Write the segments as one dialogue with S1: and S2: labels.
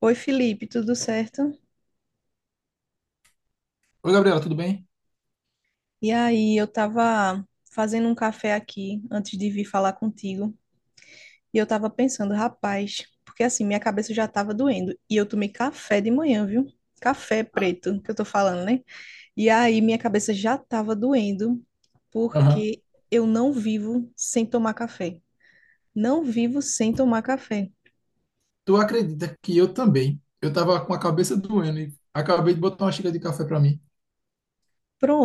S1: Oi, Felipe, tudo certo?
S2: Oi, Gabriela, tudo bem?
S1: E aí, eu tava fazendo um café aqui antes de vir falar contigo, e eu tava pensando, rapaz, porque assim, minha cabeça já tava doendo, e eu tomei café de manhã, viu? Café preto, que eu tô falando, né? E aí, minha cabeça já tava doendo,
S2: Aham.
S1: porque eu não vivo sem tomar café. Não vivo sem tomar café.
S2: Tu acredita que eu também? Eu tava com a cabeça doendo e acabei de botar uma xícara de café para mim.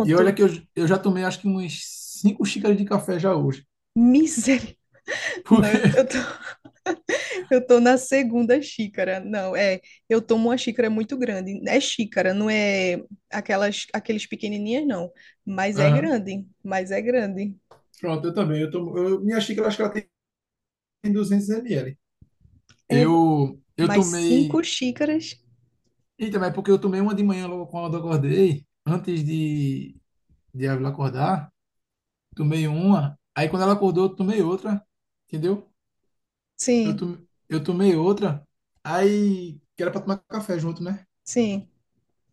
S2: E olha que eu já tomei acho que umas 5 xícaras de café já hoje.
S1: misericórdia. Não, eu
S2: Porque.
S1: eu tô Eu tô na segunda xícara. Não, é, eu tomo uma xícara muito grande. É xícara, não é aquelas aqueles pequenininhas não, mas é
S2: Aham.
S1: grande, mas é grande.
S2: Pronto, eu também. Eu tomo. Minha xícara acho que ela tem 200 ml.
S1: É
S2: Eu
S1: mais
S2: tomei.
S1: cinco xícaras.
S2: Eita, mas é porque eu tomei uma de manhã logo quando eu acordei, antes de ela acordar. Tomei uma. Aí quando ela acordou, eu tomei outra. Entendeu? Eu,
S1: Sim,
S2: to- eu tomei outra, aí, que era pra tomar café junto, né?
S1: sim,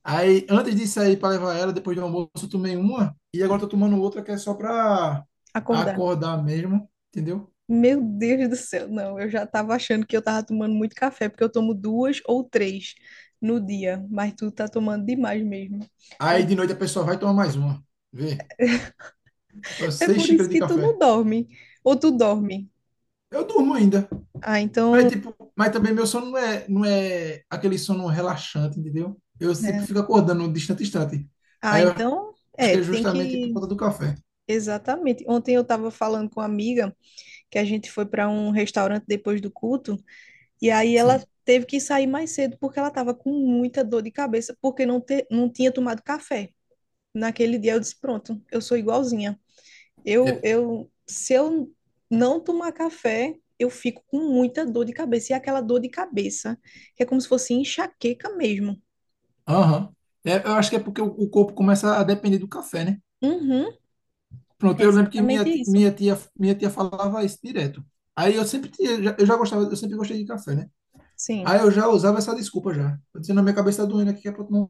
S2: Aí, antes de sair pra levar ela, depois do almoço, eu tomei uma, e agora tô tomando outra que é só pra
S1: acordar.
S2: acordar mesmo, entendeu?
S1: Meu Deus do céu, não, eu já tava achando que eu tava tomando muito café, porque eu tomo duas ou três no dia, mas tu tá tomando demais mesmo.
S2: Aí, de noite, a pessoa vai tomar mais uma. Vê, tô
S1: É
S2: seis
S1: por isso
S2: xícaras de
S1: que tu não
S2: café.
S1: dorme, ou tu dorme.
S2: Eu durmo ainda,
S1: Ah,
S2: mas,
S1: então,
S2: tipo, mas também meu sono não é aquele sono relaxante, entendeu? Eu sempre
S1: né?
S2: fico acordando distante, distante.
S1: Ah,
S2: Aí, eu acho
S1: então,
S2: que
S1: é,
S2: é
S1: tem
S2: justamente por
S1: que.
S2: conta do café.
S1: Exatamente. Ontem eu estava falando com uma amiga que a gente foi para um restaurante depois do culto, e aí ela
S2: Sim.
S1: teve que sair mais cedo porque ela estava com muita dor de cabeça porque não tinha tomado café. Naquele dia eu disse: Pronto, eu sou igualzinha.
S2: É.
S1: Se eu não tomar café, eu fico com muita dor de cabeça. E é aquela dor de cabeça, que é como se fosse enxaqueca mesmo.
S2: Aham. É, eu acho que é porque o corpo começa a depender do café, né?
S1: Uhum,
S2: Pronto,
S1: é
S2: eu lembro que minha,
S1: exatamente
S2: ti-
S1: isso.
S2: minha tia, minha tia falava isso direto. Aí eu sempre tinha, eu já gostava, eu sempre gostei de café, né? Aí
S1: Sim.
S2: eu já usava essa desculpa já. Eu dizia, na minha cabeça tá doendo aqui que é pra tomar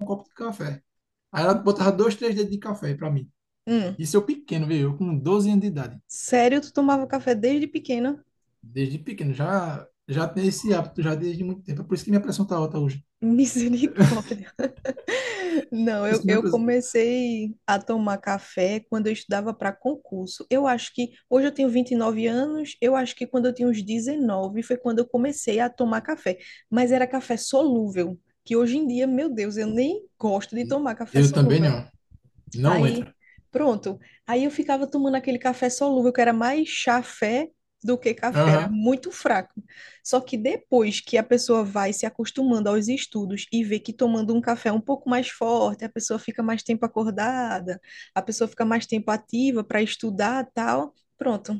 S2: um copo de café. Aí ela botava dois, três dedos de café pra mim.
S1: Hum.
S2: Isso eu pequeno, viu? Eu com 12 anos de idade.
S1: Sério, tu tomava café desde pequena?
S2: Desde pequeno, já tenho esse hábito, já desde muito tempo. É por isso que minha pressão tá alta hoje.
S1: Misericórdia.
S2: É
S1: Não,
S2: por isso
S1: eu,
S2: que minha
S1: eu
S2: pressão...
S1: comecei a tomar café quando eu estudava para concurso. Eu acho que hoje eu tenho 29 anos, eu acho que quando eu tinha uns 19 foi quando eu comecei a tomar café, mas era café solúvel, que hoje em dia, meu Deus, eu nem gosto de tomar café
S2: Eu também
S1: solúvel.
S2: não. Não
S1: Aí,
S2: entra.
S1: pronto. Aí eu ficava tomando aquele café solúvel, que era mais chafé do que café, era
S2: Aham,
S1: muito fraco. Só que depois que a pessoa vai se acostumando aos estudos e vê que tomando um café é um pouco mais forte, a pessoa fica mais tempo acordada, a pessoa fica mais tempo ativa para estudar, tal, pronto.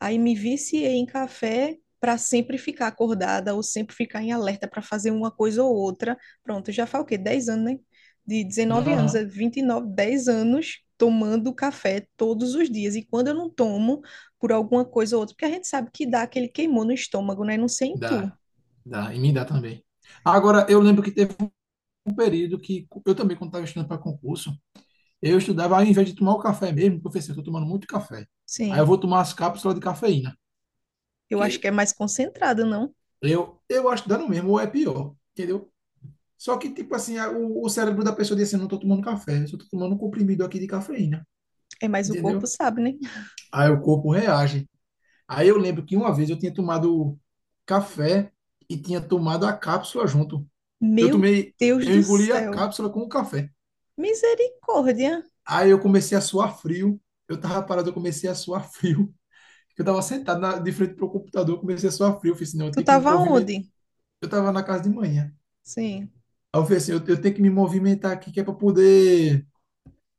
S1: Aí me viciei em café para sempre ficar acordada ou sempre ficar em alerta para fazer uma coisa ou outra. Pronto, já faz o quê? 10 anos, né? De 19 anos a
S2: aham.
S1: 29, 10 anos tomando café todos os dias. E quando eu não tomo, por alguma coisa ou outra, porque a gente sabe que dá aquele queimou no estômago, né? Não sei em tu.
S2: Dá, dá, e me dá também. Agora, eu lembro que teve um período que eu também, quando estava estudando para concurso, eu estudava ao invés de tomar o café mesmo, professor, eu estou tomando muito café. Aí eu
S1: Sim,
S2: vou tomar as cápsulas de cafeína,
S1: eu acho que é
S2: que
S1: mais concentrado, não?
S2: eu acho que dá no mesmo, ou é pior, entendeu? Só que, tipo assim, o cérebro da pessoa diz assim, não estou tomando café, eu só estou tomando um comprimido aqui de cafeína,
S1: É mais o corpo
S2: entendeu?
S1: sabe, né?
S2: Aí o corpo reage. Aí eu lembro que uma vez eu tinha tomado café e tinha tomado a cápsula junto. Eu
S1: Meu
S2: tomei,
S1: Deus
S2: eu
S1: do
S2: engoli a
S1: céu.
S2: cápsula com o café.
S1: Misericórdia.
S2: Aí eu comecei a suar frio. Eu tava parado, eu comecei a suar frio. Eu tava sentado na, de frente pro computador, eu comecei a suar frio. Eu falei assim, não, eu
S1: Tu
S2: tenho que me
S1: tava
S2: movimentar.
S1: onde?
S2: Eu tava na casa de manhã.
S1: Sim.
S2: Aí eu falei assim, eu tenho que me movimentar aqui, que é pra poder,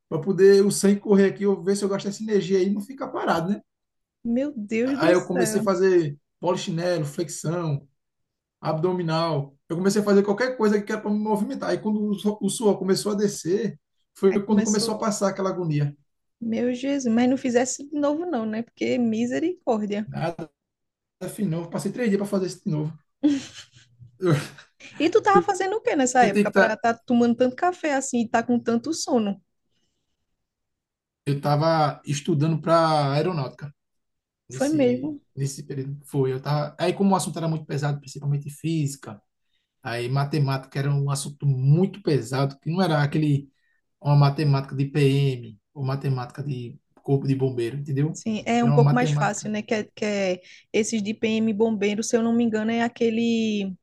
S2: para poder o sangue correr aqui, eu ver se eu gasto essa energia aí e não ficar parado, né?
S1: Meu Deus do
S2: Aí eu
S1: céu.
S2: comecei a fazer polichinelo, flexão, abdominal. Eu comecei a fazer qualquer coisa que era para me movimentar. Aí quando o suor começou a descer, foi
S1: Aí
S2: quando começou a
S1: começou,
S2: passar aquela agonia.
S1: meu Jesus, mas não fizesse de novo não, né? Porque misericórdia.
S2: Nada, fim novo. Passei 3 dias para fazer isso de novo. Eu,
S1: E tu tava
S2: porque
S1: fazendo o que nessa
S2: eu tenho que
S1: época para
S2: estar.
S1: tá tomando tanto café assim e tá com tanto sono?
S2: Eu tava estudando para aeronáutica
S1: Foi
S2: nesse,
S1: mesmo.
S2: nesse período. Foi, eu tava. Aí, como o assunto era muito pesado, principalmente física, aí matemática era um assunto muito pesado, que não era aquele uma matemática de PM ou matemática de corpo de bombeiro, entendeu?
S1: Sim, é um
S2: Era uma
S1: pouco mais fácil,
S2: matemática.
S1: né? Que é esses de PM bombeiro, se eu não me engano, é aquele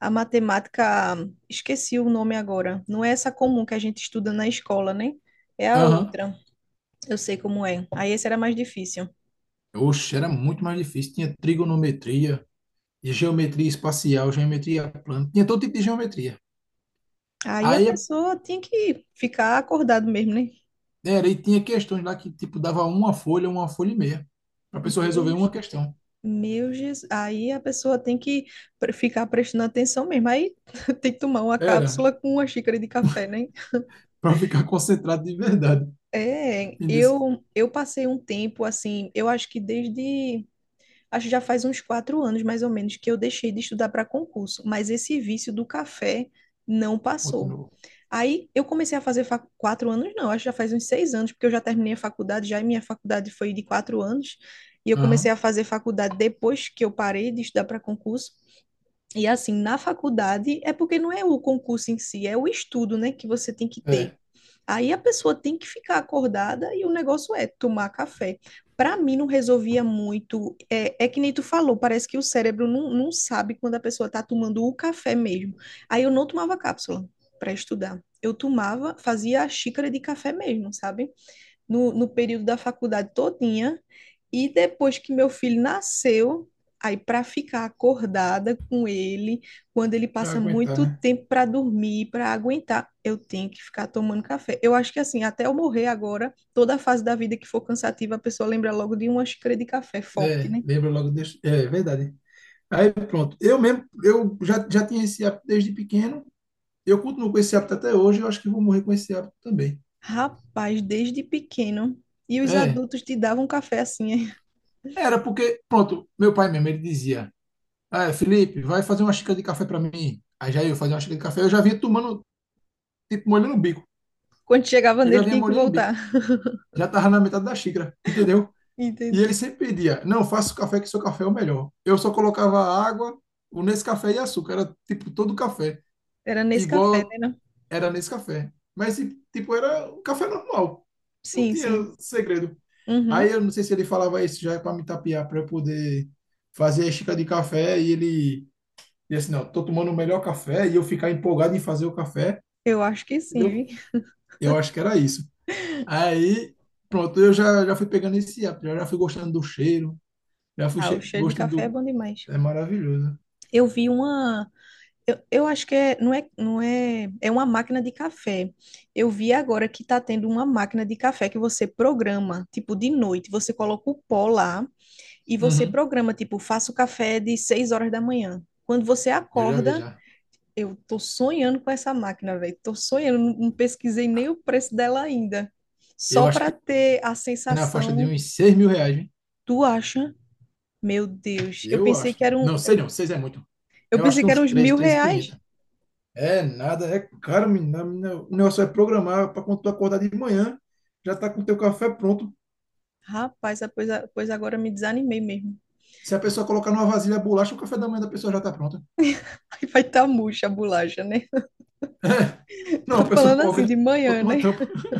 S1: a matemática, esqueci o nome agora. Não é essa comum que a gente estuda na escola, né? É a
S2: Aham.
S1: outra. Eu sei como é. Aí esse era mais difícil.
S2: Oxe, era muito mais difícil. Tinha trigonometria, geometria espacial, geometria plana, tinha todo tipo de geometria.
S1: Aí a
S2: Aí
S1: pessoa tinha que ficar acordado mesmo, né?
S2: era, e tinha questões lá que, tipo, dava uma folha e meia. Pra pessoa
S1: Meu
S2: resolver uma questão.
S1: Meu Jesus, aí a pessoa tem que ficar prestando atenção mesmo. Aí tem que tomar uma
S2: Era,
S1: cápsula com uma xícara de café, né?
S2: pra ficar concentrado de verdade.
S1: É,
S2: Entendeu?
S1: eu passei um tempo assim, eu acho que desde, acho que já faz uns 4 anos mais ou menos que eu deixei de estudar para concurso, mas esse vício do café não passou.
S2: Continuou.
S1: Aí eu comecei a fazer 4 anos, não, acho que já faz uns 6 anos, porque eu já terminei a faculdade, já e minha faculdade foi de 4 anos, e eu comecei
S2: Aham.
S1: a fazer faculdade depois que eu parei de estudar para concurso. E assim, na faculdade, é porque não é o concurso em si, é o estudo, né, que você tem que ter.
S2: É,
S1: Aí a pessoa tem que ficar acordada e o negócio é tomar café. Para mim, não resolvia muito. É, é que nem tu falou, parece que o cérebro não, não sabe quando a pessoa está tomando o café mesmo. Aí eu não tomava cápsula para estudar. Eu tomava, fazia a xícara de café mesmo, sabe? no período da faculdade todinha. E depois que meu filho nasceu, aí para ficar acordada com ele, quando ele
S2: pra
S1: passa
S2: aguentar,
S1: muito
S2: né?
S1: tempo para dormir, para aguentar, eu tenho que ficar tomando café. Eu acho que assim, até eu morrer agora, toda a fase da vida que for cansativa, a pessoa lembra logo de uma xícara de café forte,
S2: É,
S1: né?
S2: lembra logo desse... É, verdade. Aí, pronto. Eu mesmo, eu já tinha esse hábito desde pequeno. Eu continuo com esse hábito até hoje. Eu acho que vou morrer com esse hábito também.
S1: Rapaz, desde pequeno. E os
S2: É,
S1: adultos te davam café assim, hein?
S2: era porque, pronto, meu pai mesmo, ele dizia, ah, Felipe, vai fazer uma xícara de café pra mim. Aí já eu fazia uma xícara de café. Eu já vinha tomando, tipo, molhando o bico
S1: Quando chegava
S2: eu já
S1: nele,
S2: vinha
S1: tinha que
S2: molhando o
S1: voltar.
S2: bico. Já tava na metade da xícara, entendeu? E ele
S1: Entendi.
S2: sempre pedia, não, faça o café que seu café é o melhor. Eu só colocava água, o Nescafé e açúcar, era tipo todo café.
S1: Era nesse café,
S2: Igual
S1: né? não?
S2: era nesse café. Mas tipo, era um café normal. Não
S1: Sim,
S2: tinha
S1: sim.
S2: segredo. Aí
S1: Uhum.
S2: eu não sei se ele falava isso já para me tapear, para eu poder fazer a xícara de café e ele disse, não, tô tomando o melhor café e eu ficar empolgado em fazer o café,
S1: Eu acho que sim,
S2: entendeu?
S1: vi.
S2: Eu acho que era isso. Aí, pronto, eu já fui pegando esse hábito, já fui gostando do cheiro, já fui
S1: Ah, o cheiro de
S2: gostando
S1: café é
S2: do.
S1: bom demais.
S2: É maravilhoso.
S1: Eu vi uma. Eu acho que é, não é, não é, é uma máquina de café. Eu vi agora que tá tendo uma máquina de café que você programa, tipo, de noite. Você coloca o pó lá e você
S2: Uhum.
S1: programa, tipo, faça o café de 6 horas da manhã. Quando você
S2: Eu já vi
S1: acorda,
S2: já.
S1: eu tô sonhando com essa máquina, velho. Tô sonhando, não não pesquisei nem o preço dela ainda.
S2: Eu
S1: Só
S2: acho
S1: para
S2: que
S1: ter a
S2: é na faixa de
S1: sensação,
S2: uns 6 mil reais, hein?
S1: tu acha? Meu Deus,
S2: Eu acho. Não, sei não. 6 é muito.
S1: Eu
S2: Eu acho
S1: pensei
S2: que
S1: que
S2: uns
S1: eram uns
S2: 3,
S1: 1.000 reais.
S2: 3.500. É nada, é caro, menina. Menina, o negócio é programar para quando tu acordar de manhã, já tá com o teu café pronto.
S1: Rapaz, ah, pois, pois agora me desanimei mesmo.
S2: Se a pessoa colocar numa vasilha bolacha, o café da manhã da pessoa já tá pronto.
S1: Aí vai estar murcha a bolacha, né?
S2: Não,
S1: Tô
S2: a pessoa
S1: falando
S2: cobre,
S1: assim
S2: né?
S1: de manhã,
S2: Bota uma
S1: né?
S2: tampa. A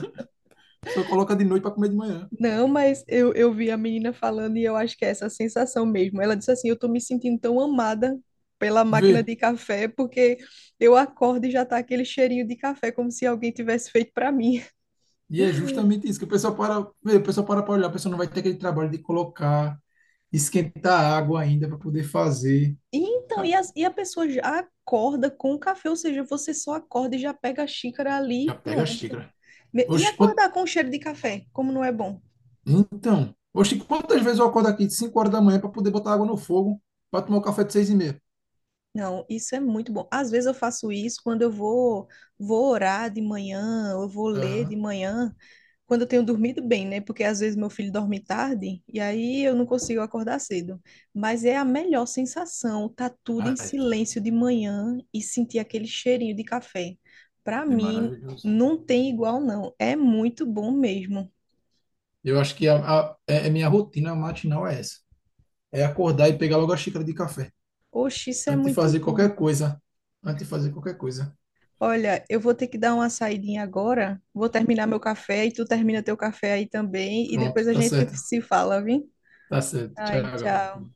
S2: pessoa coloca de noite para comer de manhã.
S1: Não, mas eu vi a menina falando e eu acho que é essa sensação mesmo. Ela disse assim: Eu tô me sentindo tão amada pela máquina
S2: Vê.
S1: de café, porque eu acordo e já tá aquele cheirinho de café, como se alguém tivesse feito pra mim.
S2: E é justamente isso que o pessoal para olhar, a pessoa não vai ter aquele trabalho de colocar, esquentar a água ainda para poder fazer.
S1: E então,
S2: Ah,
S1: e a pessoa já acorda com o café, ou seja, você só acorda e já pega a xícara ali e
S2: já pega a
S1: pronto.
S2: xícara.
S1: E
S2: Oxe, quant...
S1: acordar com o cheiro de café, como não é bom?
S2: Então, oxe, quantas vezes eu acordo aqui de 5 horas da manhã para poder botar água no fogo para tomar o café de 6:30?
S1: Não, isso é muito bom. Às vezes eu faço isso quando eu vou orar de manhã, ou eu vou ler de
S2: Aham.
S1: manhã, quando eu tenho dormido bem, né? Porque às vezes meu filho dorme tarde e aí eu não consigo acordar cedo. Mas é a melhor sensação, tá tudo em
S2: Ah, é,
S1: silêncio de manhã e sentir aquele cheirinho de café. Para
S2: é
S1: mim,
S2: maravilhoso.
S1: não tem igual, não. É muito bom mesmo.
S2: Eu acho que a minha rotina matinal é essa. É acordar e pegar logo a xícara de café.
S1: Oxe, isso é
S2: Antes de
S1: muito
S2: fazer
S1: bom.
S2: qualquer coisa. Antes de fazer qualquer coisa.
S1: Olha, eu vou ter que dar uma saidinha agora. Vou terminar meu café e tu termina teu café aí também. E
S2: Pronto,
S1: depois a
S2: tá
S1: gente
S2: certo.
S1: se fala, viu?
S2: Tá certo. Tchau,
S1: Ai, tchau.
S2: Gabriel.